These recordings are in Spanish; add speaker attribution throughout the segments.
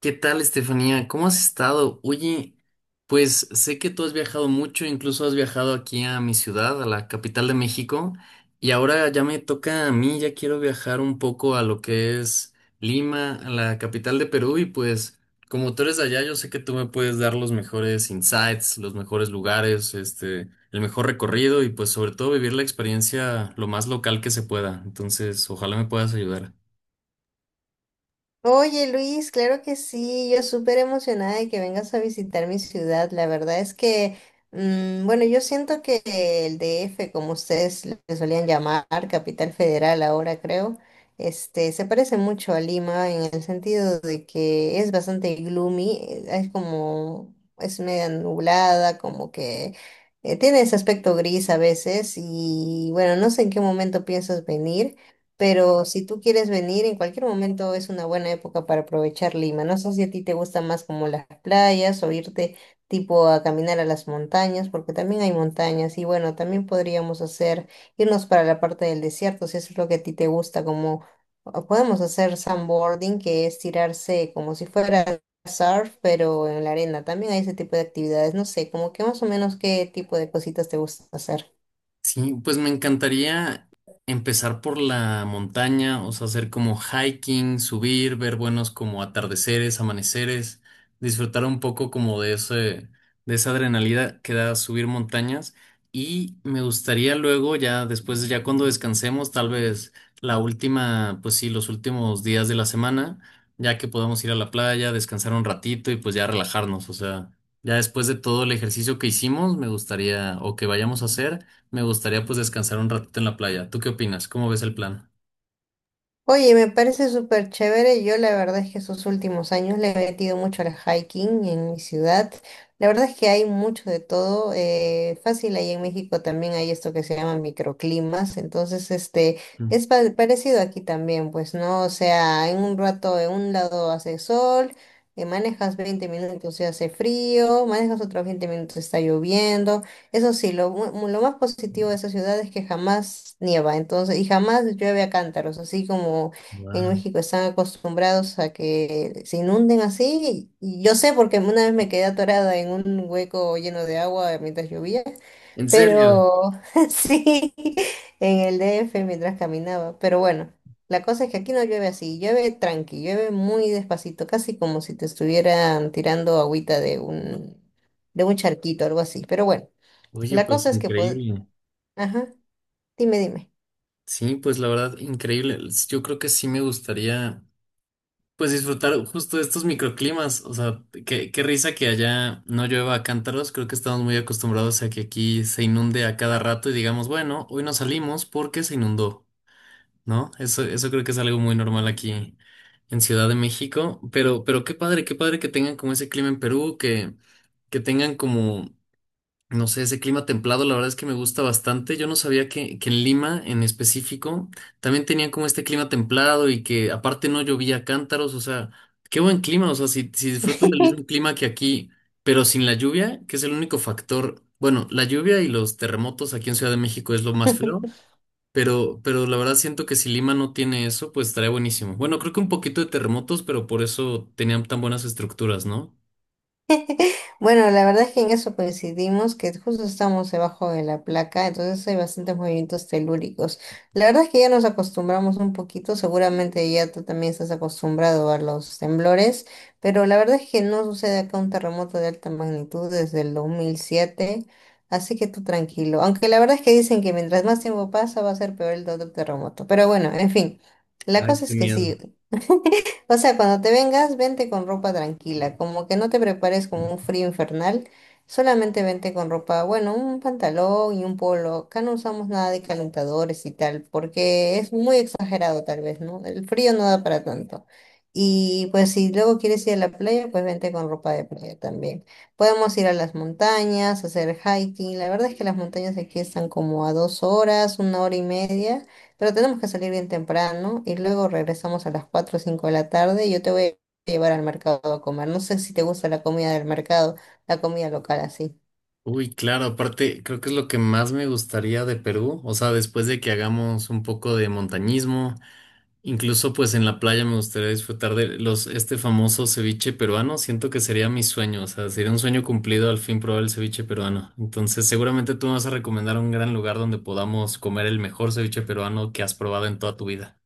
Speaker 1: ¿Qué tal, Estefanía? ¿Cómo has estado? Oye, pues sé que tú has viajado mucho, incluso has viajado aquí a mi ciudad, a la capital de México, y ahora ya me toca a mí, ya quiero viajar un poco a lo que es Lima, a la capital de Perú, y pues como tú eres de allá, yo sé que tú me puedes dar los mejores insights, los mejores lugares, este, el mejor recorrido y pues sobre todo vivir la experiencia lo más local que se pueda. Entonces, ojalá me puedas ayudar.
Speaker 2: Oye Luis, claro que sí, yo súper emocionada de que vengas a visitar mi ciudad. La verdad es que, bueno, yo siento que el DF, como ustedes le solían llamar, Capital Federal ahora creo, se parece mucho a Lima en el sentido de que es bastante gloomy, es como, es media nublada, como que tiene ese aspecto gris a veces y bueno, no sé en qué momento piensas venir. Pero si tú quieres venir, en cualquier momento es una buena época para aprovechar Lima. No sé si a ti te gusta más como las playas o irte tipo a caminar a las montañas, porque también hay montañas. Y bueno, también podríamos hacer, irnos para la parte del desierto, si eso es lo que a ti te gusta, como o podemos hacer sandboarding, que es tirarse como si fuera surf, pero en la arena. También hay ese tipo de actividades. No sé, como que más o menos qué tipo de cositas te gusta hacer.
Speaker 1: Sí, pues me encantaría empezar por la montaña, o sea, hacer como hiking, subir, ver buenos como atardeceres, amaneceres, disfrutar un poco como de esa adrenalina que da subir montañas. Y me gustaría luego, ya después, ya cuando descansemos, tal vez la última, pues sí, los últimos días de la semana, ya que podamos ir a la playa, descansar un ratito y pues ya relajarnos, o sea, ya después de todo el ejercicio que hicimos, me gustaría o que vayamos a hacer. Me gustaría pues descansar un ratito en la playa. ¿Tú qué opinas? ¿Cómo ves el plan?
Speaker 2: Oye, me parece súper chévere. Yo la verdad es que esos últimos años le he metido mucho al hiking en mi ciudad. La verdad es que hay mucho de todo. Fácil, ahí en México también hay esto que se llama microclimas. Entonces,
Speaker 1: Mm.
Speaker 2: es parecido aquí también, pues, ¿no? O sea, en un rato en un lado hace sol, manejas 20 minutos y hace frío, manejas otros 20 minutos y está lloviendo. Eso sí, lo más positivo de esa ciudad es que jamás nieva, entonces, y jamás llueve a cántaros, así como en
Speaker 1: Wow.
Speaker 2: México están acostumbrados a que se inunden así. Y yo sé porque una vez me quedé atorada en un hueco lleno de agua mientras llovía,
Speaker 1: ¿En serio?
Speaker 2: pero sí, en el DF mientras caminaba. Pero bueno, la cosa es que aquí no llueve así, llueve tranqui, llueve muy despacito, casi como si te estuvieran tirando agüita de un charquito, algo así. Pero bueno.
Speaker 1: Oye,
Speaker 2: La
Speaker 1: pues
Speaker 2: cosa es que,
Speaker 1: increíble.
Speaker 2: ajá, dime, dime.
Speaker 1: Sí, pues la verdad, increíble. Yo creo que sí me gustaría pues disfrutar justo de estos microclimas. O sea, qué risa que allá no llueva a cántaros. Creo que estamos muy acostumbrados a que aquí se inunde a cada rato y digamos, bueno, hoy no salimos porque se inundó, ¿no? Eso creo que es algo muy normal aquí en Ciudad de México. Pero qué padre que tengan como ese clima en Perú que tengan como, no sé, ese clima templado, la verdad es que me gusta bastante. Yo no sabía que en Lima, en específico, también tenían como este clima templado y que aparte no llovía a cántaros, o sea, qué buen clima, o sea, si disfrutan del mismo clima que aquí, pero sin la lluvia, que es el único factor, bueno, la lluvia y los terremotos aquí en Ciudad de México es lo más feo. Pero la verdad siento que si Lima no tiene eso, pues estaría buenísimo. Bueno, creo que un poquito de terremotos, pero por eso tenían tan buenas estructuras, ¿no?
Speaker 2: Bueno, la verdad es que en eso coincidimos, que justo estamos debajo de la placa, entonces hay bastantes movimientos telúricos. La verdad es que ya nos acostumbramos un poquito, seguramente ya tú también estás acostumbrado a los temblores, pero la verdad es que no sucede acá un terremoto de alta magnitud desde el 2007, así que tú tranquilo. Aunque la verdad es que dicen que mientras más tiempo pasa va a ser peor el otro terremoto, pero bueno, en fin, la
Speaker 1: Ay,
Speaker 2: cosa
Speaker 1: qué
Speaker 2: es que
Speaker 1: miedo.
Speaker 2: sí. O sea, cuando te vengas, vente con ropa tranquila, como que no te prepares con un frío infernal, solamente vente con ropa, bueno, un pantalón y un polo. Acá no usamos nada de calentadores y tal, porque es muy exagerado tal vez, ¿no? El frío no da para tanto. Y pues si luego quieres ir a la playa, pues vente con ropa de playa también. Podemos ir a las montañas, hacer hiking. La verdad es que las montañas aquí están como a 2 horas, 1 hora y media. Pero tenemos que salir bien temprano y luego regresamos a las 4 o 5 de la tarde y yo te voy a llevar al mercado a comer. No sé si te gusta la comida del mercado, la comida local así.
Speaker 1: Uy, claro, aparte creo que es lo que más me gustaría de Perú, o sea, después de que hagamos un poco de montañismo, incluso pues en la playa me gustaría disfrutar de los famoso ceviche peruano, siento que sería mi sueño, o sea, sería un sueño cumplido al fin probar el ceviche peruano. Entonces, seguramente tú me vas a recomendar un gran lugar donde podamos comer el mejor ceviche peruano que has probado en toda tu vida.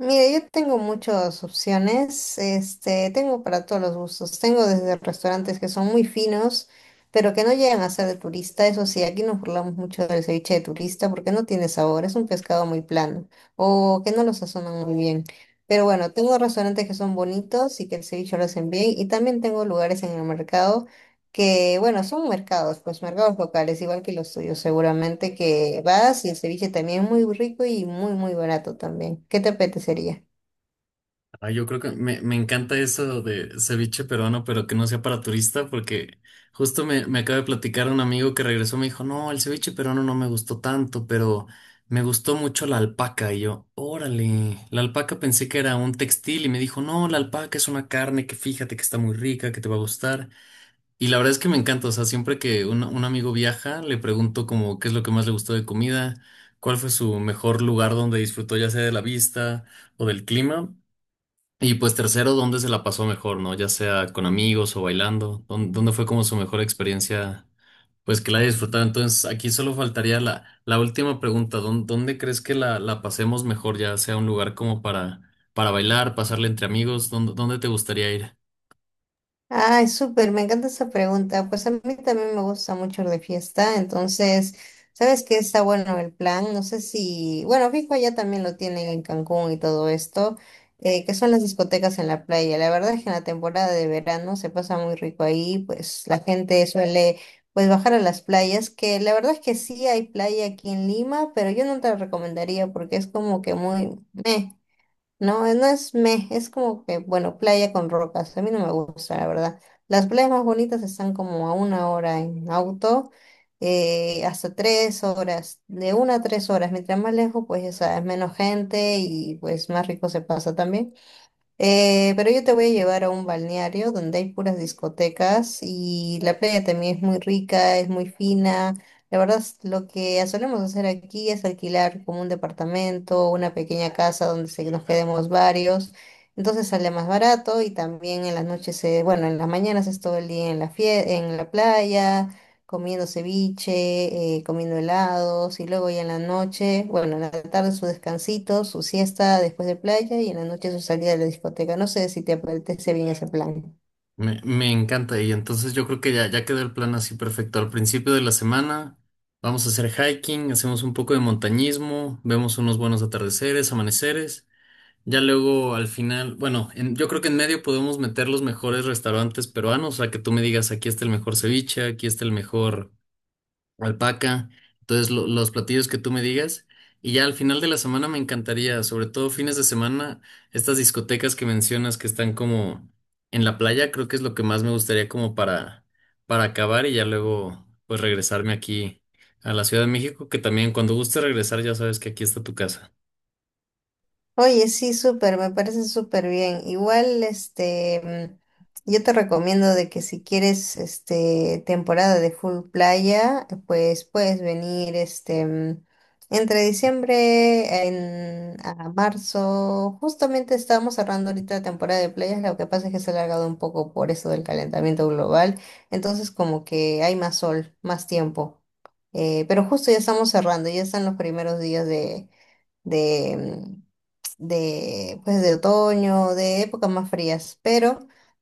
Speaker 2: Mira, yo tengo muchas opciones, tengo para todos los gustos, tengo desde restaurantes que son muy finos, pero que no llegan a ser de turista, eso sí, aquí nos burlamos mucho del ceviche de turista porque no tiene sabor, es un pescado muy plano o que no lo sazonan muy bien. Pero bueno, tengo restaurantes que son bonitos y que el ceviche lo hacen bien y también tengo lugares en el mercado que bueno, son mercados, pues mercados locales, igual que los tuyos, seguramente que vas y el ceviche también es muy rico y muy, muy barato también. ¿Qué te apetecería?
Speaker 1: Ay, yo creo que me encanta eso de ceviche peruano, pero que no sea para turista, porque justo me acaba de platicar un amigo que regresó, me dijo, no, el ceviche peruano no me gustó tanto, pero me gustó mucho la alpaca. Y yo, órale, la alpaca pensé que era un textil y me dijo, no, la alpaca es una carne que fíjate que está muy rica, que te va a gustar. Y la verdad es que me encanta, o sea, siempre que un amigo viaja, le pregunto como qué es lo que más le gustó de comida, cuál fue su mejor lugar donde disfrutó ya sea de la vista o del clima. Y pues tercero, ¿dónde se la pasó mejor, no? Ya sea con amigos o bailando. ¿Dónde fue como su mejor experiencia? Pues que la haya disfrutado. Entonces, aquí solo faltaría la última pregunta. ¿Dónde crees que la pasemos mejor? Ya sea un lugar como para bailar, pasarle entre amigos. ¿Dónde te gustaría ir?
Speaker 2: Ay, súper, me encanta esa pregunta. Pues a mí también me gusta mucho ir de fiesta, entonces, ¿sabes qué está bueno el plan? No sé si, bueno, fijo, allá también lo tienen en Cancún y todo esto, que son las discotecas en la playa. La verdad es que en la temporada de verano se pasa muy rico ahí, pues la gente suele, pues bajar a las playas, que la verdad es que sí hay playa aquí en Lima, pero yo no te la recomendaría porque es como que muy meh. No, no es meh, es como que, bueno, playa con rocas. A mí no me gusta, la verdad. Las playas más bonitas están como a 1 hora en auto, hasta 3 horas, de 1 a 3 horas. Mientras más lejos, pues ya sabes, menos gente y pues más rico se pasa también. Pero yo te voy a llevar a un balneario donde hay puras discotecas y la playa también es muy rica, es muy fina. La verdad, lo que solemos hacer aquí es alquilar como un departamento, una pequeña casa donde se nos quedemos varios. Entonces sale más barato y también en las noches, bueno, en las mañanas es todo el día en la en la playa comiendo ceviche, comiendo helados y luego ya en la noche, bueno, en la tarde su descansito, su siesta después de playa y en la noche su salida a la discoteca. No sé si te apetece bien ese plan.
Speaker 1: Me encanta. Y entonces yo creo que ya quedó el plan así perfecto. Al principio de la semana vamos a hacer hiking, hacemos un poco de montañismo, vemos unos buenos atardeceres, amaneceres. Ya luego al final, bueno, yo creo que en medio podemos meter los mejores restaurantes peruanos, o sea, que tú me digas, aquí está el mejor ceviche, aquí está el mejor alpaca, entonces los platillos que tú me digas. Y ya al final de la semana me encantaría, sobre todo fines de semana, estas discotecas que mencionas que están como en la playa, creo que es lo que más me gustaría como para, acabar y ya luego pues regresarme aquí a la Ciudad de México, que también cuando guste regresar ya sabes que aquí está tu casa.
Speaker 2: Oye, sí, súper, me parece súper bien. Igual, yo te recomiendo de que si quieres, este, temporada de full playa, pues puedes venir, entre diciembre a marzo. Justamente estamos cerrando ahorita la temporada de playas, lo que pasa es que se ha alargado un poco por eso del calentamiento global, entonces como que hay más sol, más tiempo. Pero justo ya estamos cerrando, ya están los primeros días de, mm, de, pues, de otoño, de épocas más frías, pero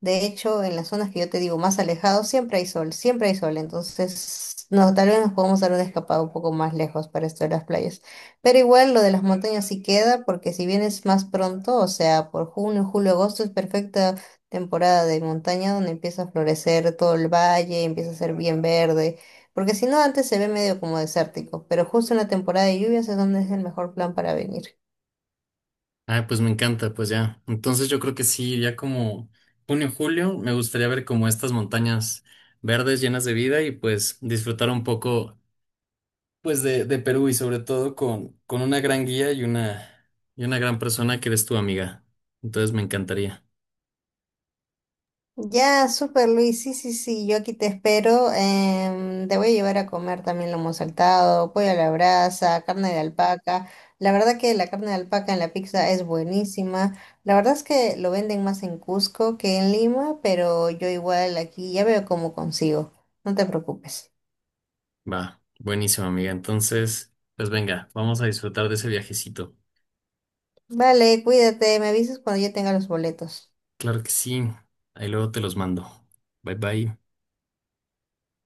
Speaker 2: de hecho en las zonas que yo te digo más alejados siempre hay sol, entonces no, tal vez nos podemos dar una escapada un poco más lejos para esto de las playas, pero igual lo de las montañas sí queda porque si vienes más pronto, o sea, por junio, julio, agosto es perfecta temporada de montaña donde empieza a florecer todo el valle, empieza a ser bien verde. Porque si no, antes se ve medio como desértico, pero justo en la temporada de lluvias es donde es el mejor plan para venir.
Speaker 1: Ah, pues me encanta, pues ya. Entonces yo creo que sí, ya como junio, julio, me gustaría ver como estas montañas verdes llenas de vida y pues disfrutar un poco pues de Perú y sobre todo con una gran guía y y una gran persona que eres tu amiga. Entonces me encantaría.
Speaker 2: Ya, súper Luis, sí, sí, sí, yo aquí te espero. Te voy a llevar a comer también lomo saltado, pollo a la brasa, carne de alpaca. La verdad que la carne de alpaca en la pizza es buenísima. La verdad es que lo venden más en Cusco que en Lima, pero yo igual aquí ya veo cómo consigo. No te preocupes.
Speaker 1: Va, buenísimo amiga. Entonces, pues venga, vamos a disfrutar de ese viajecito.
Speaker 2: Vale, cuídate, me avisas cuando yo tenga los boletos.
Speaker 1: Claro que sí. Ahí luego te los mando. Bye bye.